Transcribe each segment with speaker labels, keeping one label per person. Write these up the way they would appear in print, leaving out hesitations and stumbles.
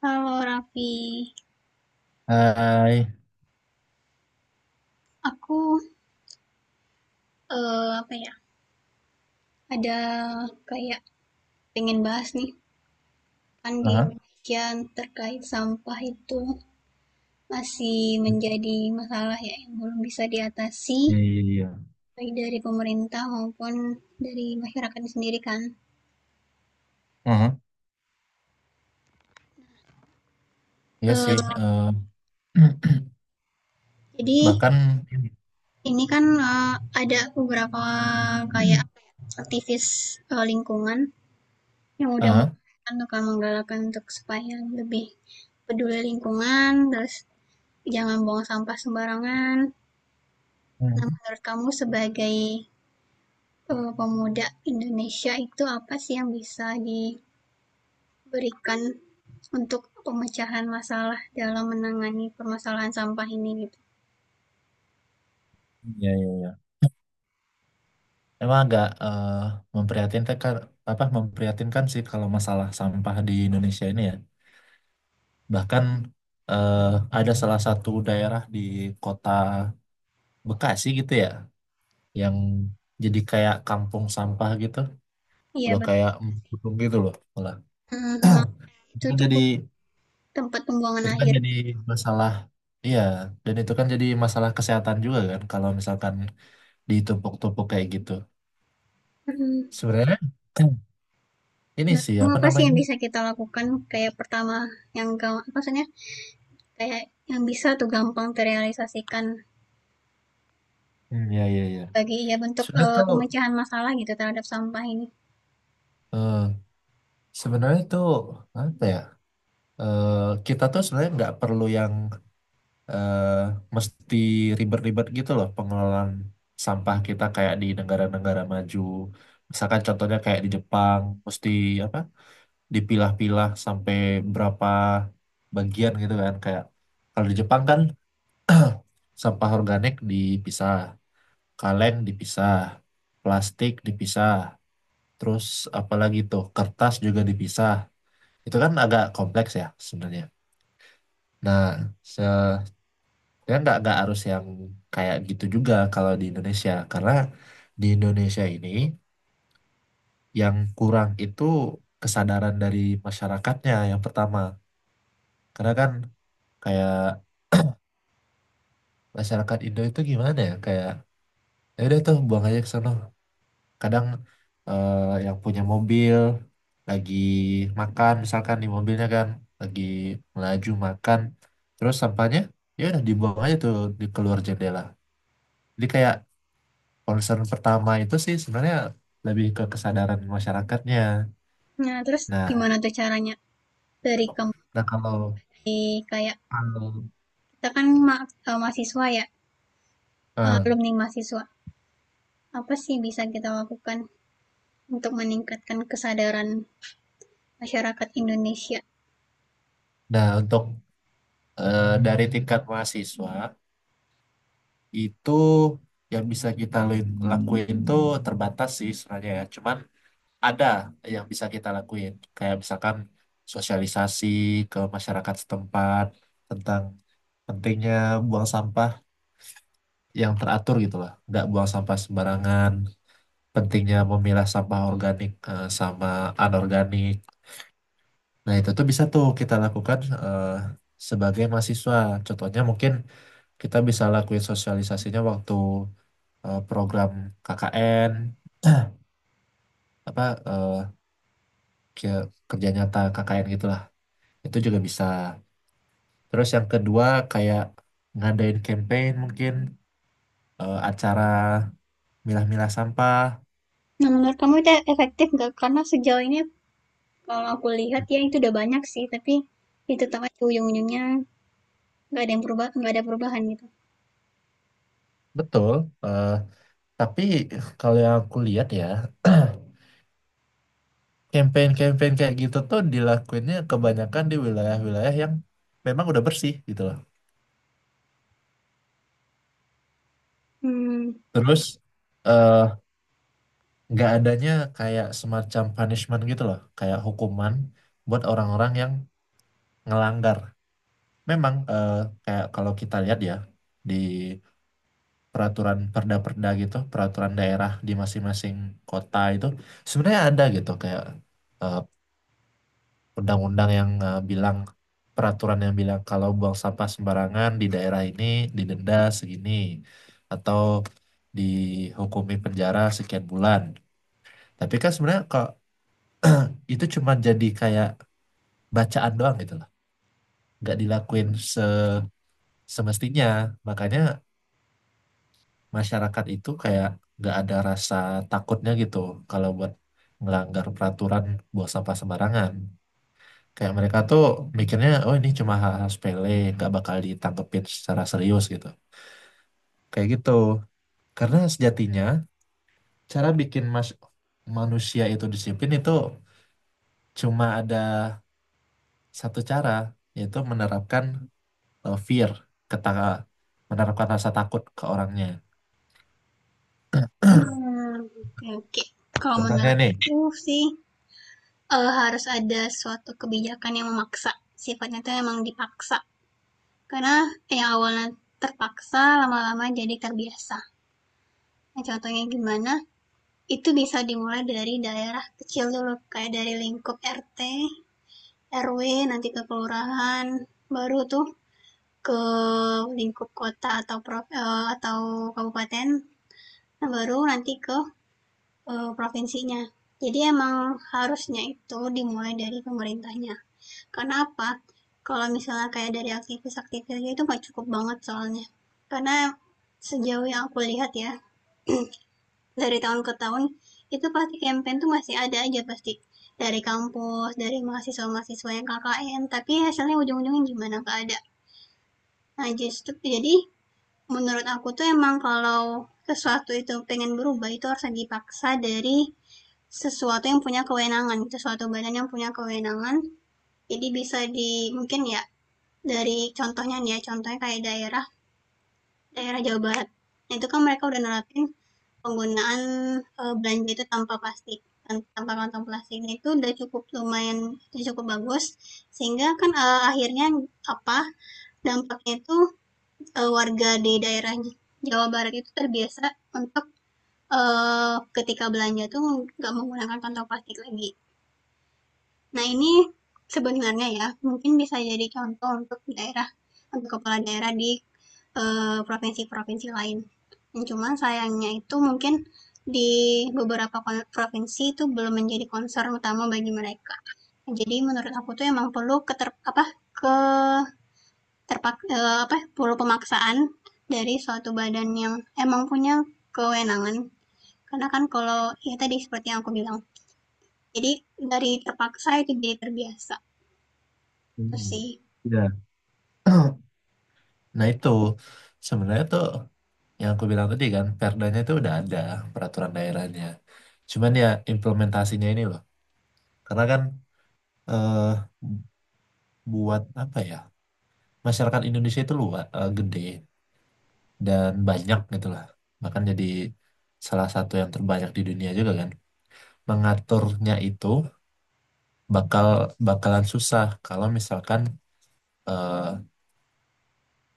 Speaker 1: Kalau Raffi,
Speaker 2: Hai.
Speaker 1: aku, eee, apa ya, ada kayak pengen bahas nih, kan di
Speaker 2: Aha.
Speaker 1: Indonesia terkait sampah itu masih menjadi masalah ya yang belum bisa diatasi,
Speaker 2: Iya, iya, iya,
Speaker 1: baik dari pemerintah maupun dari masyarakat sendiri kan.
Speaker 2: aha. Iya
Speaker 1: Eee,
Speaker 2: sih.
Speaker 1: jadi
Speaker 2: Bahkan,
Speaker 1: ini kan, eee, ada beberapa aktivis, lingkungan yang udah
Speaker 2: aha,
Speaker 1: menggalakkan menggalakkan untuk supaya lebih peduli lingkungan, terus jangan buang sampah sembarangan. Nah, menurut kamu sebagai, pemuda Indonesia itu apa sih yang bisa diberikan untuk pemecahan masalah dalam menangani permasalahan sampah ini gitu?
Speaker 2: iya iya iya. Emang agak memprihatinkan, apa memprihatinkan sih kalau masalah sampah di Indonesia ini ya. Bahkan eh, ada salah satu daerah di kota Bekasi gitu ya, yang jadi kayak kampung sampah gitu,
Speaker 1: Iya
Speaker 2: udah
Speaker 1: betul,
Speaker 2: kayak
Speaker 1: terima kasih.
Speaker 2: embung gitu loh, malah.
Speaker 1: Mhm, emang itu
Speaker 2: Itu
Speaker 1: tuh
Speaker 2: jadi
Speaker 1: tempat pembuangan
Speaker 2: Itu kan
Speaker 1: akhir.
Speaker 2: jadi masalah, iya, dan itu kan jadi masalah kesehatan juga kan, kalau misalkan ditumpuk-tumpuk kayak gitu.
Speaker 1: Hmm.
Speaker 2: Sebenarnya ini
Speaker 1: Nah,
Speaker 2: sih
Speaker 1: kamu
Speaker 2: apa
Speaker 1: apa sih
Speaker 2: namanya?
Speaker 1: yang bisa kita lakukan, kayak pertama yang ga, maksudnya kayak yang bisa tuh gampang terrealisasikan
Speaker 2: Hmm, ya, ya, ya.
Speaker 1: bagi ya bentuk,
Speaker 2: Sebenarnya tuh,
Speaker 1: pemecahan masalah gitu terhadap sampah ini?
Speaker 2: eh, sebenarnya tuh apa ya? Eh, kita tuh sebenarnya nggak perlu yang eh, mesti ribet-ribet gitu loh pengelolaan sampah kita kayak di negara-negara maju. Misalkan contohnya kayak di Jepang, mesti apa? Dipilah-pilah sampai berapa bagian gitu kan, kayak kalau di Jepang kan sampah organik dipisah, kaleng dipisah, plastik dipisah, terus apalagi tuh kertas juga dipisah. Itu kan agak kompleks ya sebenarnya. Nah, se ya nggak harus yang kayak gitu juga kalau di Indonesia, karena di Indonesia ini yang kurang itu kesadaran dari masyarakatnya yang pertama. Karena kan kayak masyarakat Indo itu gimana ya, kayak ya udah tuh buang aja ke sono, kadang eh, yang punya mobil lagi makan misalkan, di mobilnya kan lagi melaju makan terus sampahnya ya udah dibuang aja tuh di keluar jendela. Jadi kayak concern pertama itu sih sebenarnya lebih ke kesadaran masyarakatnya.
Speaker 1: Nah, terus
Speaker 2: nah
Speaker 1: gimana tuh caranya dari kamu
Speaker 2: nah kalau
Speaker 1: kayak
Speaker 2: kalau
Speaker 1: kita kan mahasiswa ya, eh,
Speaker 2: eh,
Speaker 1: alumni mahasiswa. Apa sih bisa kita lakukan untuk meningkatkan kesadaran masyarakat Indonesia?
Speaker 2: nah untuk dari tingkat mahasiswa itu yang bisa kita lakuin tuh terbatas sih sebenarnya ya. Cuman ada yang bisa kita lakuin. Kayak misalkan sosialisasi ke masyarakat setempat tentang pentingnya buang sampah yang teratur gitu lah. Nggak buang sampah sembarangan. Pentingnya memilah sampah organik sama anorganik. Nah itu tuh bisa tuh kita lakukan sebagai mahasiswa. Contohnya mungkin kita bisa lakuin sosialisasinya waktu program KKN, apa eh, ke- kerja nyata KKN gitulah itu juga bisa. Terus yang kedua, kayak ngadain campaign mungkin, acara milah-milah sampah.
Speaker 1: Nah, menurut kamu itu efektif nggak? Karena sejauh ini kalau aku lihat ya itu udah banyak sih, tapi itu tetap aja ujung-ujungnya nggak ada yang berubah, nggak ada perubahan gitu.
Speaker 2: Betul, eh, tapi kalau yang aku lihat ya campaign-campaign kayak gitu tuh dilakuinnya kebanyakan di wilayah-wilayah yang memang udah bersih gitu loh.
Speaker 1: Hmm.
Speaker 2: Terus eh, nggak adanya kayak semacam punishment gitu loh, kayak hukuman buat orang-orang yang ngelanggar. Memang kayak kalau kita lihat ya di peraturan perda-perda gitu, peraturan daerah di masing-masing kota itu sebenarnya ada gitu, kayak eh, undang-undang yang bilang, peraturan yang bilang kalau buang sampah sembarangan di daerah ini didenda segini, atau dihukumi penjara sekian bulan. Tapi kan sebenarnya kok itu cuma jadi kayak bacaan doang gitu loh, nggak dilakuin semestinya. Makanya masyarakat itu kayak nggak ada rasa takutnya gitu kalau buat ngelanggar peraturan buang sampah sembarangan. Kayak mereka tuh mikirnya, oh, ini cuma hal-hal sepele, nggak bakal ditangkepin secara serius gitu, kayak gitu. Karena sejatinya cara bikin manusia itu disiplin itu cuma ada satu cara, yaitu menerapkan fear, kata, menerapkan rasa takut ke orangnya.
Speaker 1: Hmm, oke oke. Kalau
Speaker 2: Contohnya
Speaker 1: menurut
Speaker 2: nih.
Speaker 1: aku sih, harus ada suatu kebijakan yang memaksa, sifatnya itu memang dipaksa. Karena yang awalnya terpaksa, lama-lama jadi terbiasa. Nah, contohnya gimana, itu bisa dimulai dari daerah kecil dulu, kayak dari lingkup RT, RW, nanti ke kelurahan, baru tuh ke lingkup kota atau atau kabupaten, nah baru nanti ke provinsinya. Jadi emang harusnya itu dimulai dari pemerintahnya. Karena apa? Kalau misalnya kayak dari aktivis-aktivis itu nggak cukup banget soalnya. Karena sejauh yang aku lihat ya, dari tahun ke tahun itu pasti campaign tuh masih ada aja pasti. Dari kampus, dari mahasiswa-mahasiswa yang KKN, tapi hasilnya ujung-ujungnya gimana? Nggak ada. Nah, justru jadi menurut aku tuh emang kalau sesuatu itu pengen berubah itu harus dipaksa dari sesuatu yang punya kewenangan, sesuatu badan yang punya kewenangan. Jadi bisa di mungkin ya dari contohnya nih ya, contohnya kayak daerah daerah Jawa Barat. Nah, itu kan mereka udah nerapin penggunaan eh, belanja itu tanpa plastik, tanpa kantong plastik. Nah, itu udah cukup lumayan, udah cukup bagus. Sehingga kan eh, akhirnya apa dampaknya itu, warga di daerah Jawa Barat itu terbiasa untuk, ketika belanja tuh nggak menggunakan kantong plastik lagi. Nah, ini sebenarnya ya, mungkin bisa jadi contoh untuk daerah, untuk kepala daerah di, provinsi-provinsi lain. Cuman sayangnya itu mungkin di beberapa provinsi itu belum menjadi concern utama bagi mereka. Jadi menurut aku tuh emang perlu keter apa, ke terpak eh, apa perlu pemaksaan dari suatu badan yang emang punya kewenangan, karena kan kalau ya tadi seperti yang aku bilang, jadi dari terpaksa itu jadi terbiasa, itu
Speaker 2: Hmm.
Speaker 1: sih.
Speaker 2: Ya. Nah itu sebenarnya tuh yang aku bilang tadi kan, perdanya itu udah ada, peraturan daerahnya. Cuman ya implementasinya ini loh, karena kan eh, buat apa ya, masyarakat Indonesia itu luas, gede dan banyak gitu lah. Bahkan jadi salah satu yang terbanyak di dunia juga kan. Mengaturnya itu bakal bakalan susah kalau misalkan eh,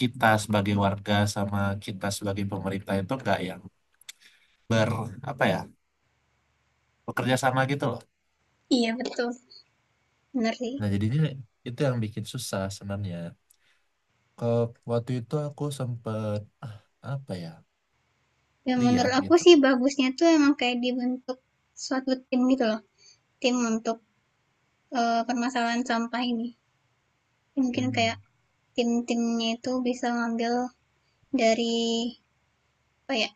Speaker 2: kita sebagai warga sama kita sebagai pemerintah itu nggak yang ber apa ya, bekerja sama gitu loh.
Speaker 1: Iya betul, bener sih.
Speaker 2: Nah jadinya itu yang bikin susah sebenarnya. Ke Waktu itu aku sempet apa ya
Speaker 1: Dan
Speaker 2: lihat
Speaker 1: menurut aku
Speaker 2: gitu.
Speaker 1: sih bagusnya tuh emang kayak dibentuk suatu tim gitu loh, tim untuk eh, permasalahan sampah ini, mungkin kayak
Speaker 2: Hmm.
Speaker 1: tim-timnya itu bisa ngambil dari apa ya,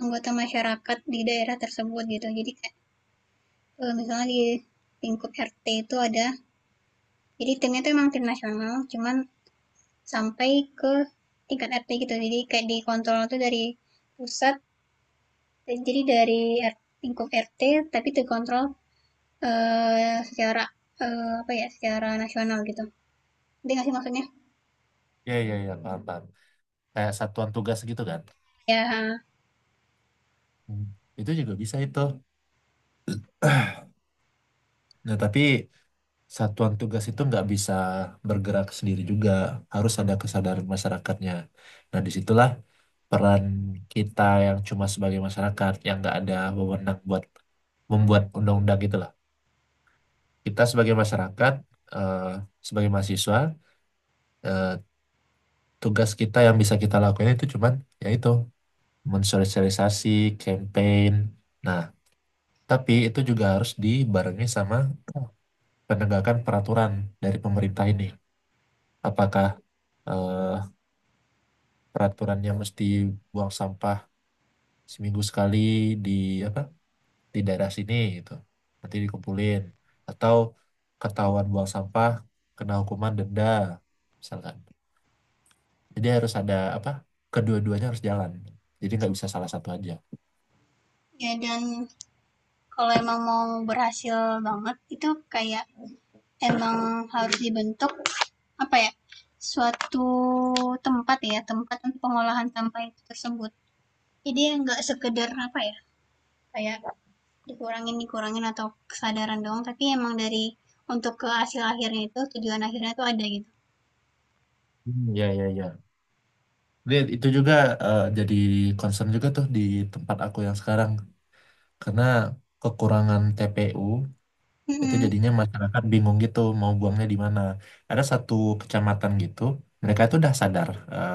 Speaker 1: anggota masyarakat di daerah tersebut gitu, jadi eh, misalnya di lingkup RT itu ada, jadi timnya itu emang tim nasional cuman sampai ke tingkat RT gitu, jadi kayak dikontrol itu dari pusat, jadi dari lingkup RT tapi dikontrol eh, secara eh, apa ya, secara nasional gitu, nanti nggak sih maksudnya.
Speaker 2: Ya, ya, ya, paham paham. Kayak satuan tugas gitu kan.
Speaker 1: Ya
Speaker 2: Hmm. Itu juga bisa itu. Nah tapi satuan tugas itu nggak bisa bergerak sendiri juga, harus ada kesadaran masyarakatnya. Nah, disitulah peran kita yang cuma sebagai masyarakat yang nggak ada wewenang buat membuat undang-undang gitu lah. Kita sebagai masyarakat, eh, sebagai mahasiswa, eh, tugas kita yang bisa kita lakukan itu cuman, yaitu mensosialisasi, campaign. Nah, tapi itu juga harus dibarengi sama penegakan peraturan dari pemerintah ini. Apakah eh, peraturannya mesti buang sampah seminggu sekali di apa, di daerah sini gitu, nanti dikumpulin, atau ketahuan buang sampah kena hukuman denda misalkan. Jadi harus ada apa, kedua-duanya harus jalan, jadi nggak bisa salah satu aja.
Speaker 1: ya, dan kalau emang mau berhasil banget itu kayak emang harus dibentuk apa ya, suatu tempat, ya tempat untuk pengolahan sampah itu tersebut. Jadi nggak sekedar apa ya, kayak dikurangin dikurangin atau kesadaran doang, tapi emang dari untuk ke hasil akhirnya itu, tujuan akhirnya itu ada gitu.
Speaker 2: Hmm, ya, ya, ya. Jadi itu juga jadi concern juga tuh di tempat aku yang sekarang, karena kekurangan TPU. Itu
Speaker 1: Mhm.
Speaker 2: jadinya masyarakat bingung gitu mau buangnya di mana. Ada satu kecamatan gitu, mereka itu udah sadar eh,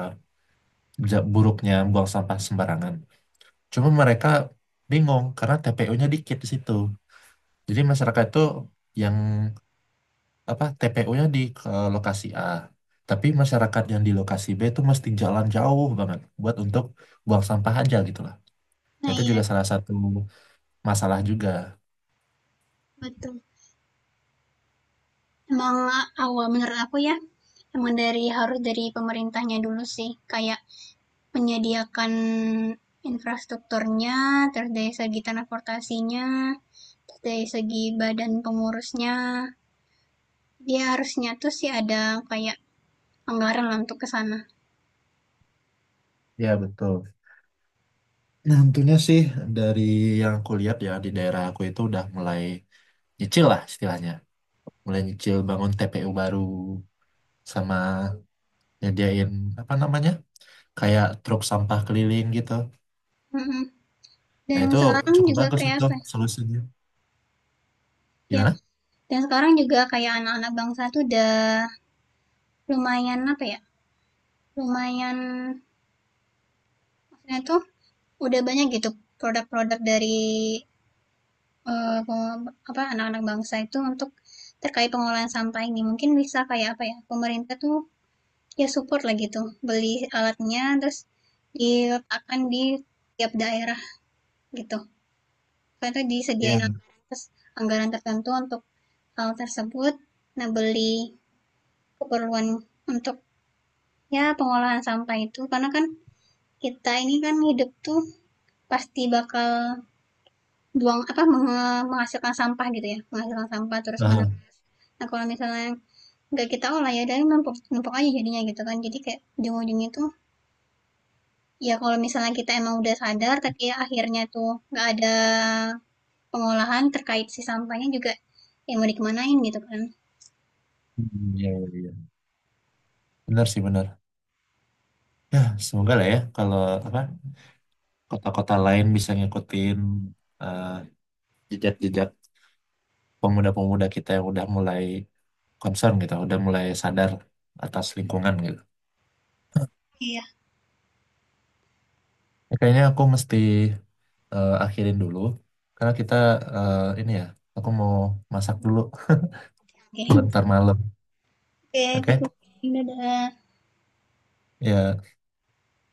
Speaker 2: buruknya buang sampah sembarangan. Cuma mereka bingung karena TPU-nya dikit di situ. Jadi masyarakat itu yang apa, TPU-nya di ke lokasi A, tapi masyarakat yang di lokasi B itu mesti jalan jauh banget buat untuk buang sampah aja gitu lah.
Speaker 1: Nah
Speaker 2: Itu
Speaker 1: iya
Speaker 2: juga salah satu masalah juga.
Speaker 1: betul. Emang awal menurut aku ya, emang dari harus dari pemerintahnya dulu sih, kayak menyediakan infrastrukturnya, terus dari segi transportasinya, terus dari segi badan pengurusnya, dia harusnya tuh sih ada kayak anggaran lah untuk kesana.
Speaker 2: Ya betul. Nah, tentunya sih dari yang aku lihat ya, di daerah aku itu udah mulai nyicil lah istilahnya. Mulai nyicil bangun TPU baru, sama nyediain apa namanya? Kayak truk sampah keliling gitu.
Speaker 1: Mhm.
Speaker 2: Nah,
Speaker 1: Dan
Speaker 2: itu
Speaker 1: sekarang
Speaker 2: cukup
Speaker 1: juga
Speaker 2: bagus
Speaker 1: kayak
Speaker 2: itu
Speaker 1: apa ya,
Speaker 2: solusinya.
Speaker 1: iya,
Speaker 2: Gimana?
Speaker 1: dan sekarang juga kayak anak-anak bangsa tuh udah lumayan apa ya, lumayan maksudnya tuh udah banyak gitu produk-produk dari eh, peng- apa anak-anak bangsa itu untuk terkait pengolahan sampah ini. Mungkin bisa kayak apa ya, pemerintah tuh ya support lah gitu, beli alatnya terus diletakkan di tiap daerah gitu. Karena disediain
Speaker 2: Iya.
Speaker 1: anggaran, terus anggaran tertentu untuk hal tersebut. Nah, beli keperluan untuk ya pengolahan sampah itu, karena kan kita ini kan hidup tuh pasti bakal buang apa menghasilkan sampah gitu, ya menghasilkan sampah terus
Speaker 2: Aha.
Speaker 1: menerus. Nah kalau misalnya nggak kita olah ya, dari numpuk numpuk aja jadinya gitu kan, jadi kayak ujung-ujungnya tuh ya kalau misalnya kita emang udah sadar tapi ya akhirnya tuh nggak ada pengolahan terkait si sampahnya juga, yang mau dikemanain gitu kan.
Speaker 2: Hmm, iya, iya, iya. Benar sih, benar. Ya, semoga lah ya, kalau apa, kota-kota lain bisa ngikutin eh, jejak-jejak pemuda-pemuda kita yang udah mulai concern gitu, udah mulai sadar atas lingkungan gitu.
Speaker 1: Iya,
Speaker 2: Ya, kayaknya aku mesti akhirin dulu karena kita eh, ini ya, aku mau masak dulu buat
Speaker 1: oke
Speaker 2: ntar malam.
Speaker 1: oke,
Speaker 2: Oke.
Speaker 1: pikir, dadah.
Speaker 2: Ya,